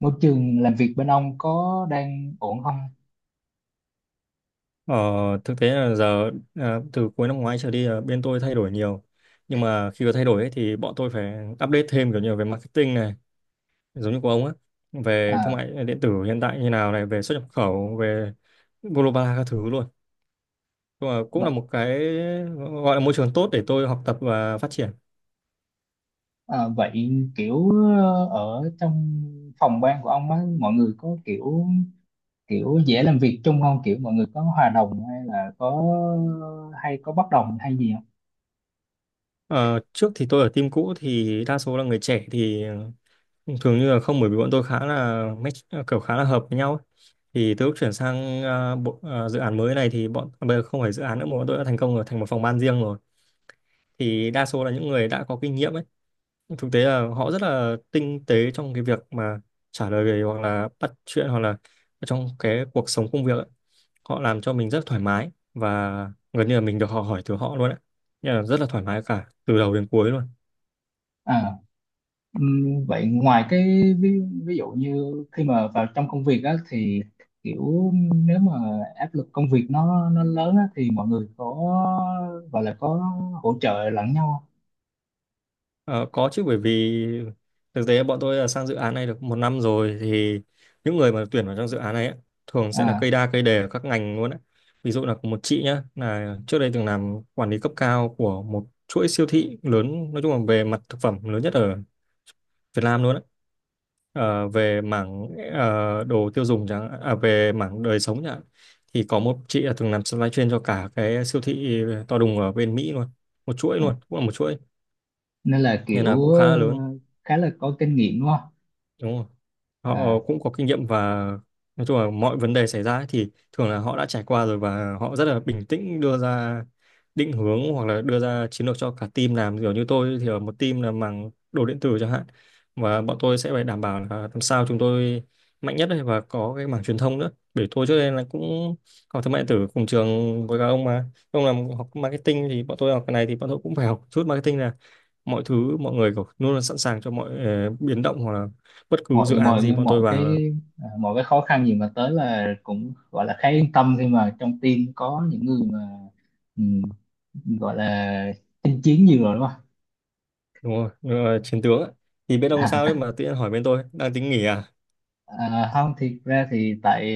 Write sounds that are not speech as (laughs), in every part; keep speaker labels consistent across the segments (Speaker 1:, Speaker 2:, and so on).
Speaker 1: Môi trường làm việc bên ông có đang ổn không?
Speaker 2: Ờ, Thực tế là giờ từ cuối năm ngoái trở đi là bên tôi thay đổi nhiều. Nhưng mà khi có thay đổi ấy, thì bọn tôi phải update thêm kiểu như về marketing này, giống như của ông á, về thương
Speaker 1: À,
Speaker 2: mại điện tử hiện tại như nào này, về xuất nhập khẩu, về global các thứ luôn. Nhưng mà cũng là
Speaker 1: v-
Speaker 2: một cái gọi là môi trường tốt để tôi học tập và phát triển.
Speaker 1: à vậy kiểu ở trong phòng ban của ông á, mọi người có kiểu kiểu dễ làm việc chung không, kiểu mọi người có hòa đồng hay là có hay có bất đồng hay gì không?
Speaker 2: Ờ, Trước thì tôi ở team cũ thì đa số là người trẻ thì thường như là không, bởi vì bọn tôi khá là match, kiểu khá là hợp với nhau ấy. Thì từ lúc chuyển sang dự án mới này thì bây giờ không phải dự án nữa mà bọn tôi đã thành công rồi, thành một phòng ban riêng rồi, thì đa số là những người đã có kinh nghiệm ấy. Thực tế là họ rất là tinh tế trong cái việc mà trả lời về hoặc là bắt chuyện hoặc là trong cái cuộc sống công việc ấy. Họ làm cho mình rất thoải mái và gần như là mình được họ hỏi từ họ luôn ấy. Nên là rất là thoải mái cả từ đầu đến cuối luôn.
Speaker 1: À, vậy ngoài cái ví dụ như khi mà vào trong công việc á thì kiểu nếu mà áp lực công việc nó lớn á thì mọi người có gọi là có hỗ trợ lẫn nhau không?
Speaker 2: Ờ, có chứ, bởi vì thực tế bọn tôi là sang dự án này được 1 năm rồi, thì những người mà tuyển vào trong dự án này ấy, thường sẽ là
Speaker 1: À.
Speaker 2: cây đa cây đề ở các ngành luôn ấy. Ví dụ là có một chị nhá là trước đây từng làm quản lý cấp cao của một chuỗi siêu thị lớn, nói chung là về mặt thực phẩm lớn nhất ở Việt Nam luôn ấy. Về mảng đồ tiêu dùng chẳng hạn, về mảng đời sống chẳng hạn. Thì có một chị là từng làm supply chain cho cả cái siêu thị to đùng ở bên Mỹ luôn, một chuỗi
Speaker 1: À.
Speaker 2: luôn, cũng là một chuỗi,
Speaker 1: Nên là
Speaker 2: nên là
Speaker 1: kiểu
Speaker 2: cũng khá là lớn,
Speaker 1: khá là có kinh nghiệm đúng không?
Speaker 2: đúng không. Họ
Speaker 1: À,
Speaker 2: cũng có kinh nghiệm, và nói chung là mọi vấn đề xảy ra ấy, thì thường là họ đã trải qua rồi và họ rất là bình tĩnh đưa ra định hướng hoặc là đưa ra chiến lược cho cả team làm. Kiểu như tôi thì ở một team là mảng đồ điện tử chẳng hạn, và bọn tôi sẽ phải đảm bảo là làm sao chúng tôi mạnh nhất ấy, và có cái mảng truyền thông nữa, bởi tôi trước đây là cũng học thương mại điện tử cùng trường với các ông mà. Ông làm học marketing thì bọn tôi học cái này, thì bọn tôi cũng phải học chút marketing. Là mọi thứ, mọi người có- luôn luôn sẵn sàng cho mọi biến động hoặc là bất cứ dự
Speaker 1: mọi
Speaker 2: án
Speaker 1: mọi
Speaker 2: gì bọn tôi
Speaker 1: mọi
Speaker 2: vào
Speaker 1: cái,
Speaker 2: là.
Speaker 1: à, mọi cái khó khăn gì mà tới là cũng gọi là khá yên tâm khi mà trong team có những người mà, ừm, gọi là chinh chiến nhiều rồi đúng không?
Speaker 2: Đúng rồi. Nên là chiến tướng ấy. Thì bên ông
Speaker 1: (laughs)
Speaker 2: sao
Speaker 1: À,
Speaker 2: đấy mà tự nhiên hỏi, bên tôi đang tính nghỉ à?
Speaker 1: à, không, thiệt ra thì tại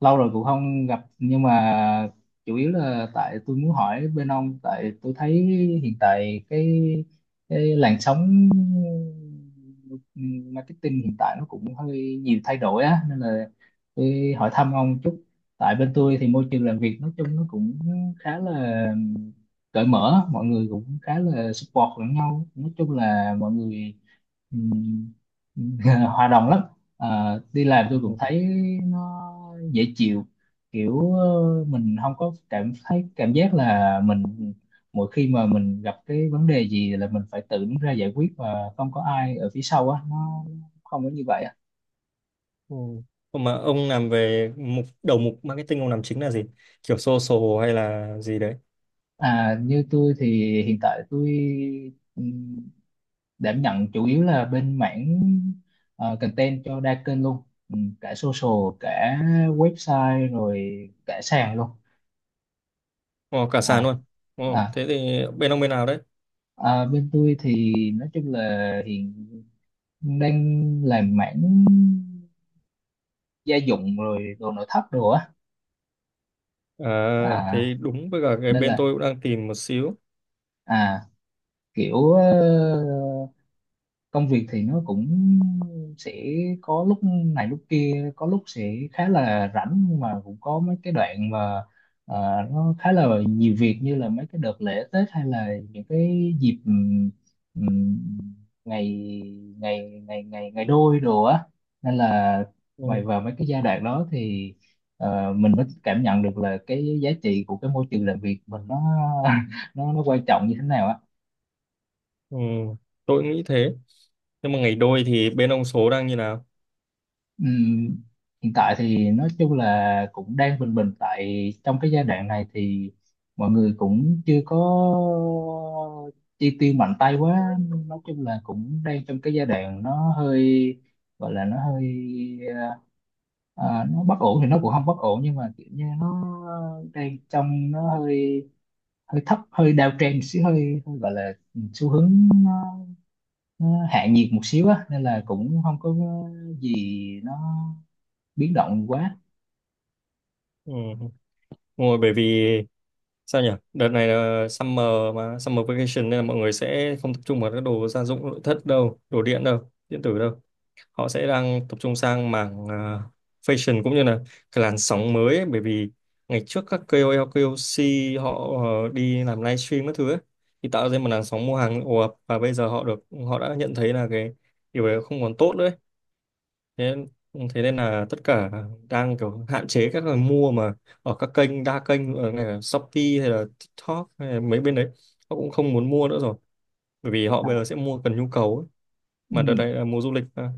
Speaker 1: lâu rồi cũng không gặp nhưng mà chủ yếu là tại tôi muốn hỏi bên ông, tại tôi thấy hiện tại cái làn sóng marketing hiện tại nó cũng hơi nhiều thay đổi á nên là tôi hỏi thăm ông chút. Tại bên tôi thì môi trường làm việc nói chung nó cũng khá là cởi mở, mọi người cũng khá là support lẫn nhau, nói chung là mọi người, ừm, (laughs) hòa đồng lắm. Ờ, đi làm tôi cũng
Speaker 2: Ừ.
Speaker 1: thấy nó dễ chịu, kiểu mình không có cảm thấy cảm giác là mình mỗi khi mà mình gặp cái vấn đề gì là mình phải tự đứng ra giải quyết và không có ai ở phía sau á, nó không có như vậy á.
Speaker 2: Ừ. Còn mà ông làm về mục đầu, mục marketing ông làm chính là gì, kiểu social hay là gì đấy?
Speaker 1: À, như tôi thì hiện tại tôi ừm, đảm nhận chủ yếu là bên mảng content cho đa kênh luôn. Ừ, cả social cả website rồi cả sàn luôn.
Speaker 2: Ồ, cả sàn
Speaker 1: À,
Speaker 2: luôn. Ồ,
Speaker 1: à,
Speaker 2: thế thì bên ông bên nào đấy?
Speaker 1: ờ, bên tôi thì nói chung là hiện đang làm mảng gia dụng rồi đồ nội thất đồ á.
Speaker 2: À
Speaker 1: À,
Speaker 2: thế đúng với cả, cái
Speaker 1: nên
Speaker 2: bên
Speaker 1: là
Speaker 2: tôi cũng đang tìm một xíu.
Speaker 1: à kiểu công việc thì nó cũng sẽ có lúc này lúc kia, có lúc sẽ khá là rảnh nhưng mà cũng có mấy cái đoạn mà nó khá là nhiều việc, như là mấy cái đợt lễ Tết hay là những cái dịp ừm, ngày ngày ngày ngày ngày đôi đồ á. Nên là ngoài
Speaker 2: Ừ.
Speaker 1: vào mấy cái giai đoạn đó thì mình mới cảm nhận được là cái giá trị của cái môi trường làm việc mình nó (laughs) nó quan trọng như thế nào á.
Speaker 2: Ừ. Tôi cũng nghĩ thế, nhưng mà ngày đôi thì bên ông số đang như nào?
Speaker 1: Ừm, hiện tại thì nói chung là cũng đang bình bình, tại trong cái giai đoạn này thì mọi người cũng chưa có chi tiêu mạnh tay quá. Nói chung là cũng đang trong cái giai đoạn nó hơi gọi là nó hơi ờ, nó bất ổn thì nó cũng không bất ổn nhưng mà kiểu như nó đang trong nó hơi hơi thấp, hơi downtrend một xíu, hơi gọi là ừ, xu hướng nó, nó hạ nhiệt một xíu á, nên là cũng không có gì nó biến động quá.
Speaker 2: Ừ. Đúng, bởi vì sao nhỉ, đợt này là summer, mà summer vacation nên là mọi người sẽ không tập trung vào các đồ gia dụng nội thất đâu, đồ điện đâu, điện tử đâu. Họ sẽ đang tập trung sang mảng fashion, cũng như là cái làn sóng mới ấy. Bởi vì ngày trước các KOL, KOC họ đi làm livestream các thứ ấy, thì tạo ra một làn sóng mua hàng ồ ạt, và bây giờ họ được, họ đã nhận thấy là cái điều đấy không còn tốt nữa. Thế, thế nên là tất cả đang kiểu hạn chế các người mua mà. Ở các kênh đa kênh ở này là Shopee hay là TikTok hay là mấy bên đấy, họ cũng không muốn mua nữa rồi, bởi vì họ bây giờ
Speaker 1: À,
Speaker 2: sẽ mua cần nhu cầu ấy. Mà đợt
Speaker 1: ừm,
Speaker 2: này là mùa du lịch mà.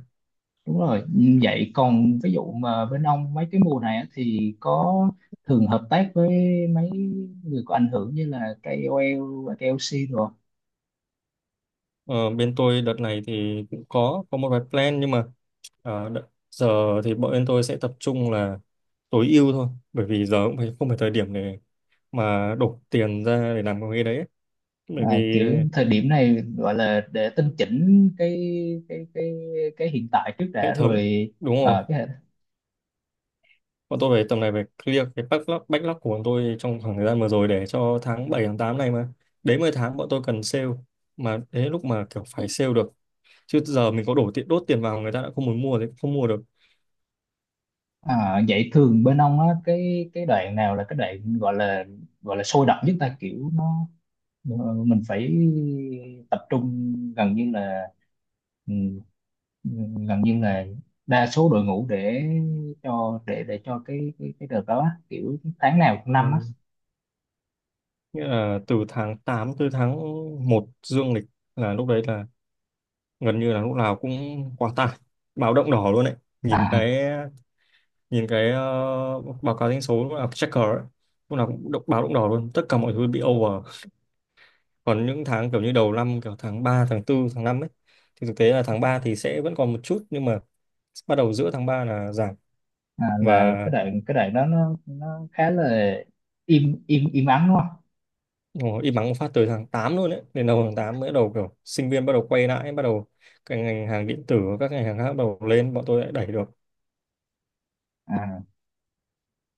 Speaker 1: đúng rồi. Vậy còn ví dụ mà bên ông mấy cái mùa này á, thì có thường hợp tác với mấy người có ảnh hưởng như là KOL và KOC rồi không?
Speaker 2: Ờ, bên tôi đợt này thì cũng có một vài plan, nhưng mà giờ thì bọn bên tôi sẽ tập trung là tối ưu thôi, bởi vì giờ cũng phải, không phải thời điểm để mà đổ tiền ra để làm cái đấy ấy. Bởi vì
Speaker 1: À, kiểu thời điểm này gọi là để tinh chỉnh cái cái cái hiện tại trước
Speaker 2: hệ
Speaker 1: đã
Speaker 2: thống,
Speaker 1: rồi.
Speaker 2: đúng rồi.
Speaker 1: À, cái,
Speaker 2: Bọn tôi phải tầm này phải clear cái backlog, backlog của bọn tôi trong khoảng thời gian vừa rồi để cho tháng 7, tháng 8 này mà. Đến 10 tháng bọn tôi cần sale. Mà đến lúc mà kiểu phải sale được. Chứ giờ mình có đổ tiền đốt tiền vào, người ta đã không muốn mua thì không mua được.
Speaker 1: à, vậy thường bên ông á cái đoạn nào là cái đoạn gọi là sôi động nhất ta, kiểu nó, ờ, mình phải tập trung gần như là ừ, gần như là đa số đội ngũ để cho cái cái đợt đó á, kiểu tháng nào trong năm á?
Speaker 2: Ừ. Nghĩa là từ tháng 8 tới tháng 1 dương lịch, là lúc đấy là gần như là lúc nào cũng quá tải. Báo động đỏ luôn đấy. Nhìn
Speaker 1: À,
Speaker 2: cái, nhìn cái báo cáo doanh số lúc nào checker ấy. Lúc nào cũng động- báo động đỏ luôn. Tất cả mọi thứ bị over. Còn những tháng kiểu như đầu năm, kiểu tháng 3, tháng 4, tháng 5 ấy, thì thực tế là tháng 3 thì sẽ vẫn còn một chút, nhưng mà bắt đầu giữa tháng 3 là giảm.
Speaker 1: à, là
Speaker 2: Và
Speaker 1: cái đoạn đó nó khá là im im im ắng đúng không?
Speaker 2: ồ, im ắng một phát tới tháng 8 luôn đấy, đến đầu tháng 8 mới bắt đầu kiểu sinh viên bắt đầu quay lại, bắt đầu cái ngành hàng điện tử, các ngành hàng khác bắt đầu lên, bọn tôi lại đẩy được.
Speaker 1: À,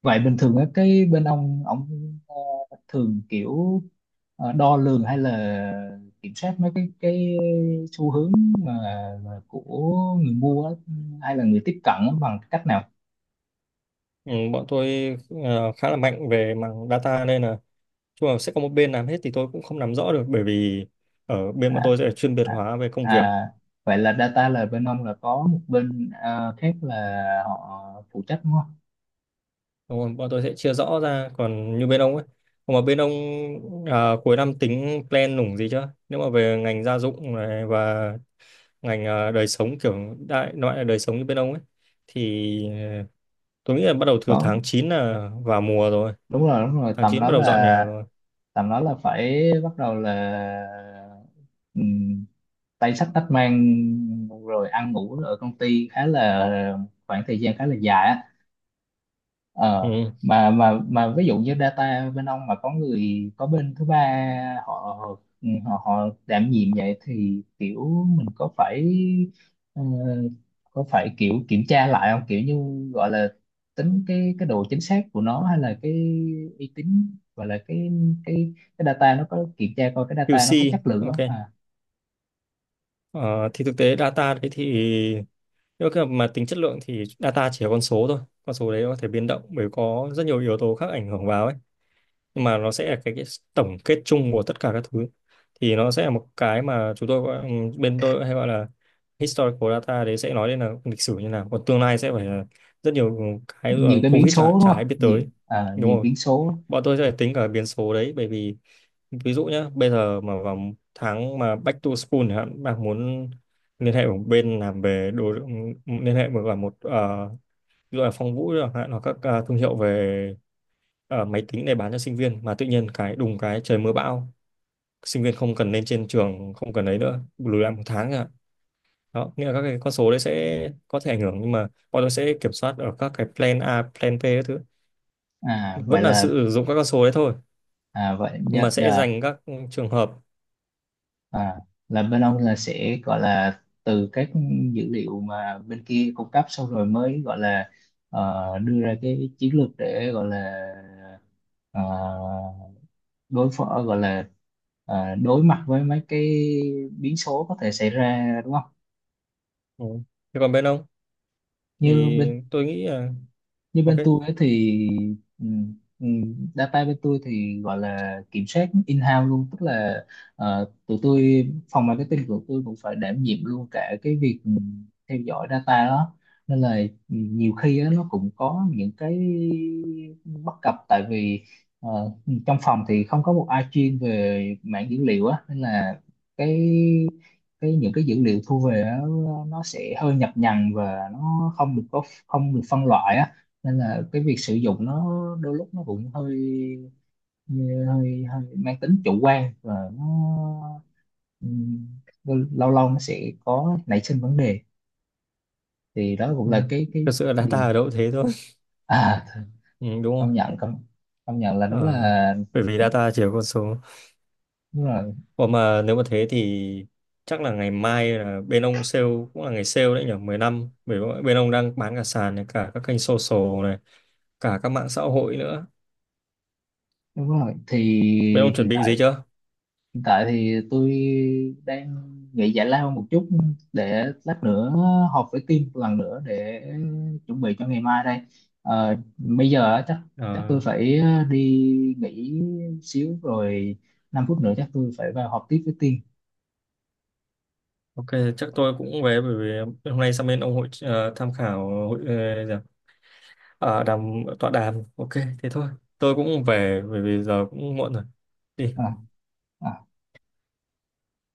Speaker 1: vậy bình thường á, cái bên ông ờ, thường kiểu đo lường hay là kiểm soát mấy cái xu hướng mà, mà của người mua á, hay là người tiếp cận á, bằng cách nào?
Speaker 2: Ừ, Bọn tôi khá là mạnh về mảng data, nên là chung là sẽ có một bên làm hết, thì tôi cũng không nắm rõ được, bởi vì ở bên
Speaker 1: À,
Speaker 2: bọn tôi sẽ chuyên biệt
Speaker 1: à,
Speaker 2: hóa về công việc.
Speaker 1: à, vậy là data là bên ông là có một bên khác là họ phụ trách đúng không?
Speaker 2: Đúng rồi, bọn tôi sẽ chia rõ ra. Còn như bên ông ấy, còn mà bên ông, à, cuối năm tính plan nủng gì chưa, nếu mà về ngành gia dụng này và ngành đời sống, kiểu đại loại là đời sống như bên ông ấy, thì tôi nghĩ là bắt đầu từ
Speaker 1: Có,
Speaker 2: tháng 9 là vào mùa rồi.
Speaker 1: đúng rồi
Speaker 2: tháng
Speaker 1: tầm
Speaker 2: chín
Speaker 1: đó
Speaker 2: bắt đầu dọn nhà
Speaker 1: là,
Speaker 2: rồi.
Speaker 1: tầm đó là phải bắt đầu là tay sách tách mang rồi ăn ngủ ở công ty, khá là khoảng thời gian khá là dài á. Ờ,
Speaker 2: Ừ.
Speaker 1: mà ví dụ như data bên ông mà có người có bên thứ ba họ họ họ đảm nhiệm, vậy thì kiểu mình có phải ờ, có phải kiểu kiểm tra lại không, kiểu như gọi là tính cái độ chính xác của nó hay là cái uy tín, gọi là cái cái data nó có kiểm tra coi cái data nó
Speaker 2: QC,
Speaker 1: có chất lượng
Speaker 2: ok.
Speaker 1: không? À,
Speaker 2: Ờ, thì thực tế data đấy thì nếu mà tính chất lượng thì data chỉ là con số thôi. Con số đấy nó có thể biến động bởi có rất nhiều yếu tố khác ảnh hưởng vào ấy, nhưng mà nó sẽ là cái tổng kết chung của tất cả các thứ. Thì nó sẽ là một cái mà chúng tôi gọi-, bên tôi hay gọi là historical data đấy, sẽ nói đến là lịch sử như nào. Còn tương lai sẽ phải là rất nhiều cái,
Speaker 1: nhiều
Speaker 2: ở
Speaker 1: cái biến
Speaker 2: covid
Speaker 1: số đúng
Speaker 2: chả
Speaker 1: không,
Speaker 2: ai biết
Speaker 1: nhiều
Speaker 2: tới. Đúng
Speaker 1: nhiều
Speaker 2: rồi,
Speaker 1: biến số.
Speaker 2: bọn tôi sẽ phải tính cả biến số đấy. Bởi vì ví dụ nhé, bây giờ mà vào tháng mà back to school chẳng hạn, bạn muốn liên hệ với bên làm về đồ, liên hệ với cả một ví dụ là Phong Vũ chẳng hạn, hoặc các thương hiệu về máy tính để bán cho sinh viên, mà tự nhiên cái đùng cái trời mưa bão, sinh viên không cần lên trên trường, không cần ấy nữa, lùi lại 1 tháng ạ. Đó nghĩa là các cái con số đấy sẽ có thể ảnh hưởng, nhưng mà bọn tôi sẽ kiểm soát ở các cái plan A, plan B các thứ.
Speaker 1: À vậy
Speaker 2: Vẫn là
Speaker 1: là
Speaker 2: sử dụng các con số đấy thôi,
Speaker 1: à, vậy
Speaker 2: nhưng
Speaker 1: dạ,
Speaker 2: mà sẽ
Speaker 1: dạ,
Speaker 2: dành các trường hợp.
Speaker 1: à, là bên ông là sẽ gọi là từ các dữ liệu mà bên kia cung cấp xong rồi mới gọi là đưa ra cái chiến lược để gọi là ờ, đối phó, gọi là đối mặt với mấy cái biến số có thể xảy ra đúng không?
Speaker 2: Ừ. Thế còn bên ông
Speaker 1: như
Speaker 2: thì
Speaker 1: bên
Speaker 2: tôi nghĩ là
Speaker 1: như
Speaker 2: ok.
Speaker 1: bên tôi ấy thì data bên tôi thì gọi là kiểm soát in-house luôn, tức là tụi tôi, phòng marketing của tôi cũng phải đảm nhiệm luôn cả cái việc theo dõi data đó. Nên là nhiều khi á, nó cũng có những cái bất cập, tại vì ờ, trong phòng thì không có một ai chuyên về mảng dữ liệu á, nên là cái cái những cái dữ liệu thu về á, nó sẽ hơi nhập nhằng và nó không được phân loại á. Nên là cái việc sử dụng nó đôi lúc nó cũng hơi hơi hơi mang tính chủ quan và nó ừm, lâu lâu nó sẽ có nảy sinh vấn đề. Thì đó cũng
Speaker 2: Ừ.
Speaker 1: là cái
Speaker 2: Thực sự là data
Speaker 1: điều.
Speaker 2: ở đâu cũng thế thôi. (laughs)
Speaker 1: À,
Speaker 2: Ừ, đúng rồi.
Speaker 1: công nhận, công công nhận là đúng,
Speaker 2: Ờ,
Speaker 1: là
Speaker 2: bởi vì data chỉ có con số.
Speaker 1: đúng rồi
Speaker 2: Còn mà nếu mà thế thì chắc là ngày mai là bên ông sale, cũng là ngày sale đấy nhỉ, mùng 10 tháng 5, bởi vì bên ông đang bán cả sàn này, cả các kênh social này, cả các mạng xã hội nữa.
Speaker 1: đúng rồi. Thì
Speaker 2: Bên ông chuẩn
Speaker 1: hiện
Speaker 2: bị gì
Speaker 1: tại,
Speaker 2: chưa?
Speaker 1: hiện tại thì tôi đang nghỉ giải lao một chút để lát nữa họp với team một lần nữa để chuẩn bị cho ngày mai đây. Ờ, bây giờ á, chắc chắc tôi
Speaker 2: Ờ,
Speaker 1: phải đi nghỉ xíu rồi, 5 phút nữa chắc tôi phải vào họp tiếp với team.
Speaker 2: ok. Chắc tôi cũng về, bởi vì hôm nay sang bên ông hội tham khảo, hội gì ạ? Ờ, đàm, tọa đàm, ok. Thế thôi, tôi cũng về bởi vì giờ cũng muộn rồi. Đi.
Speaker 1: À, à.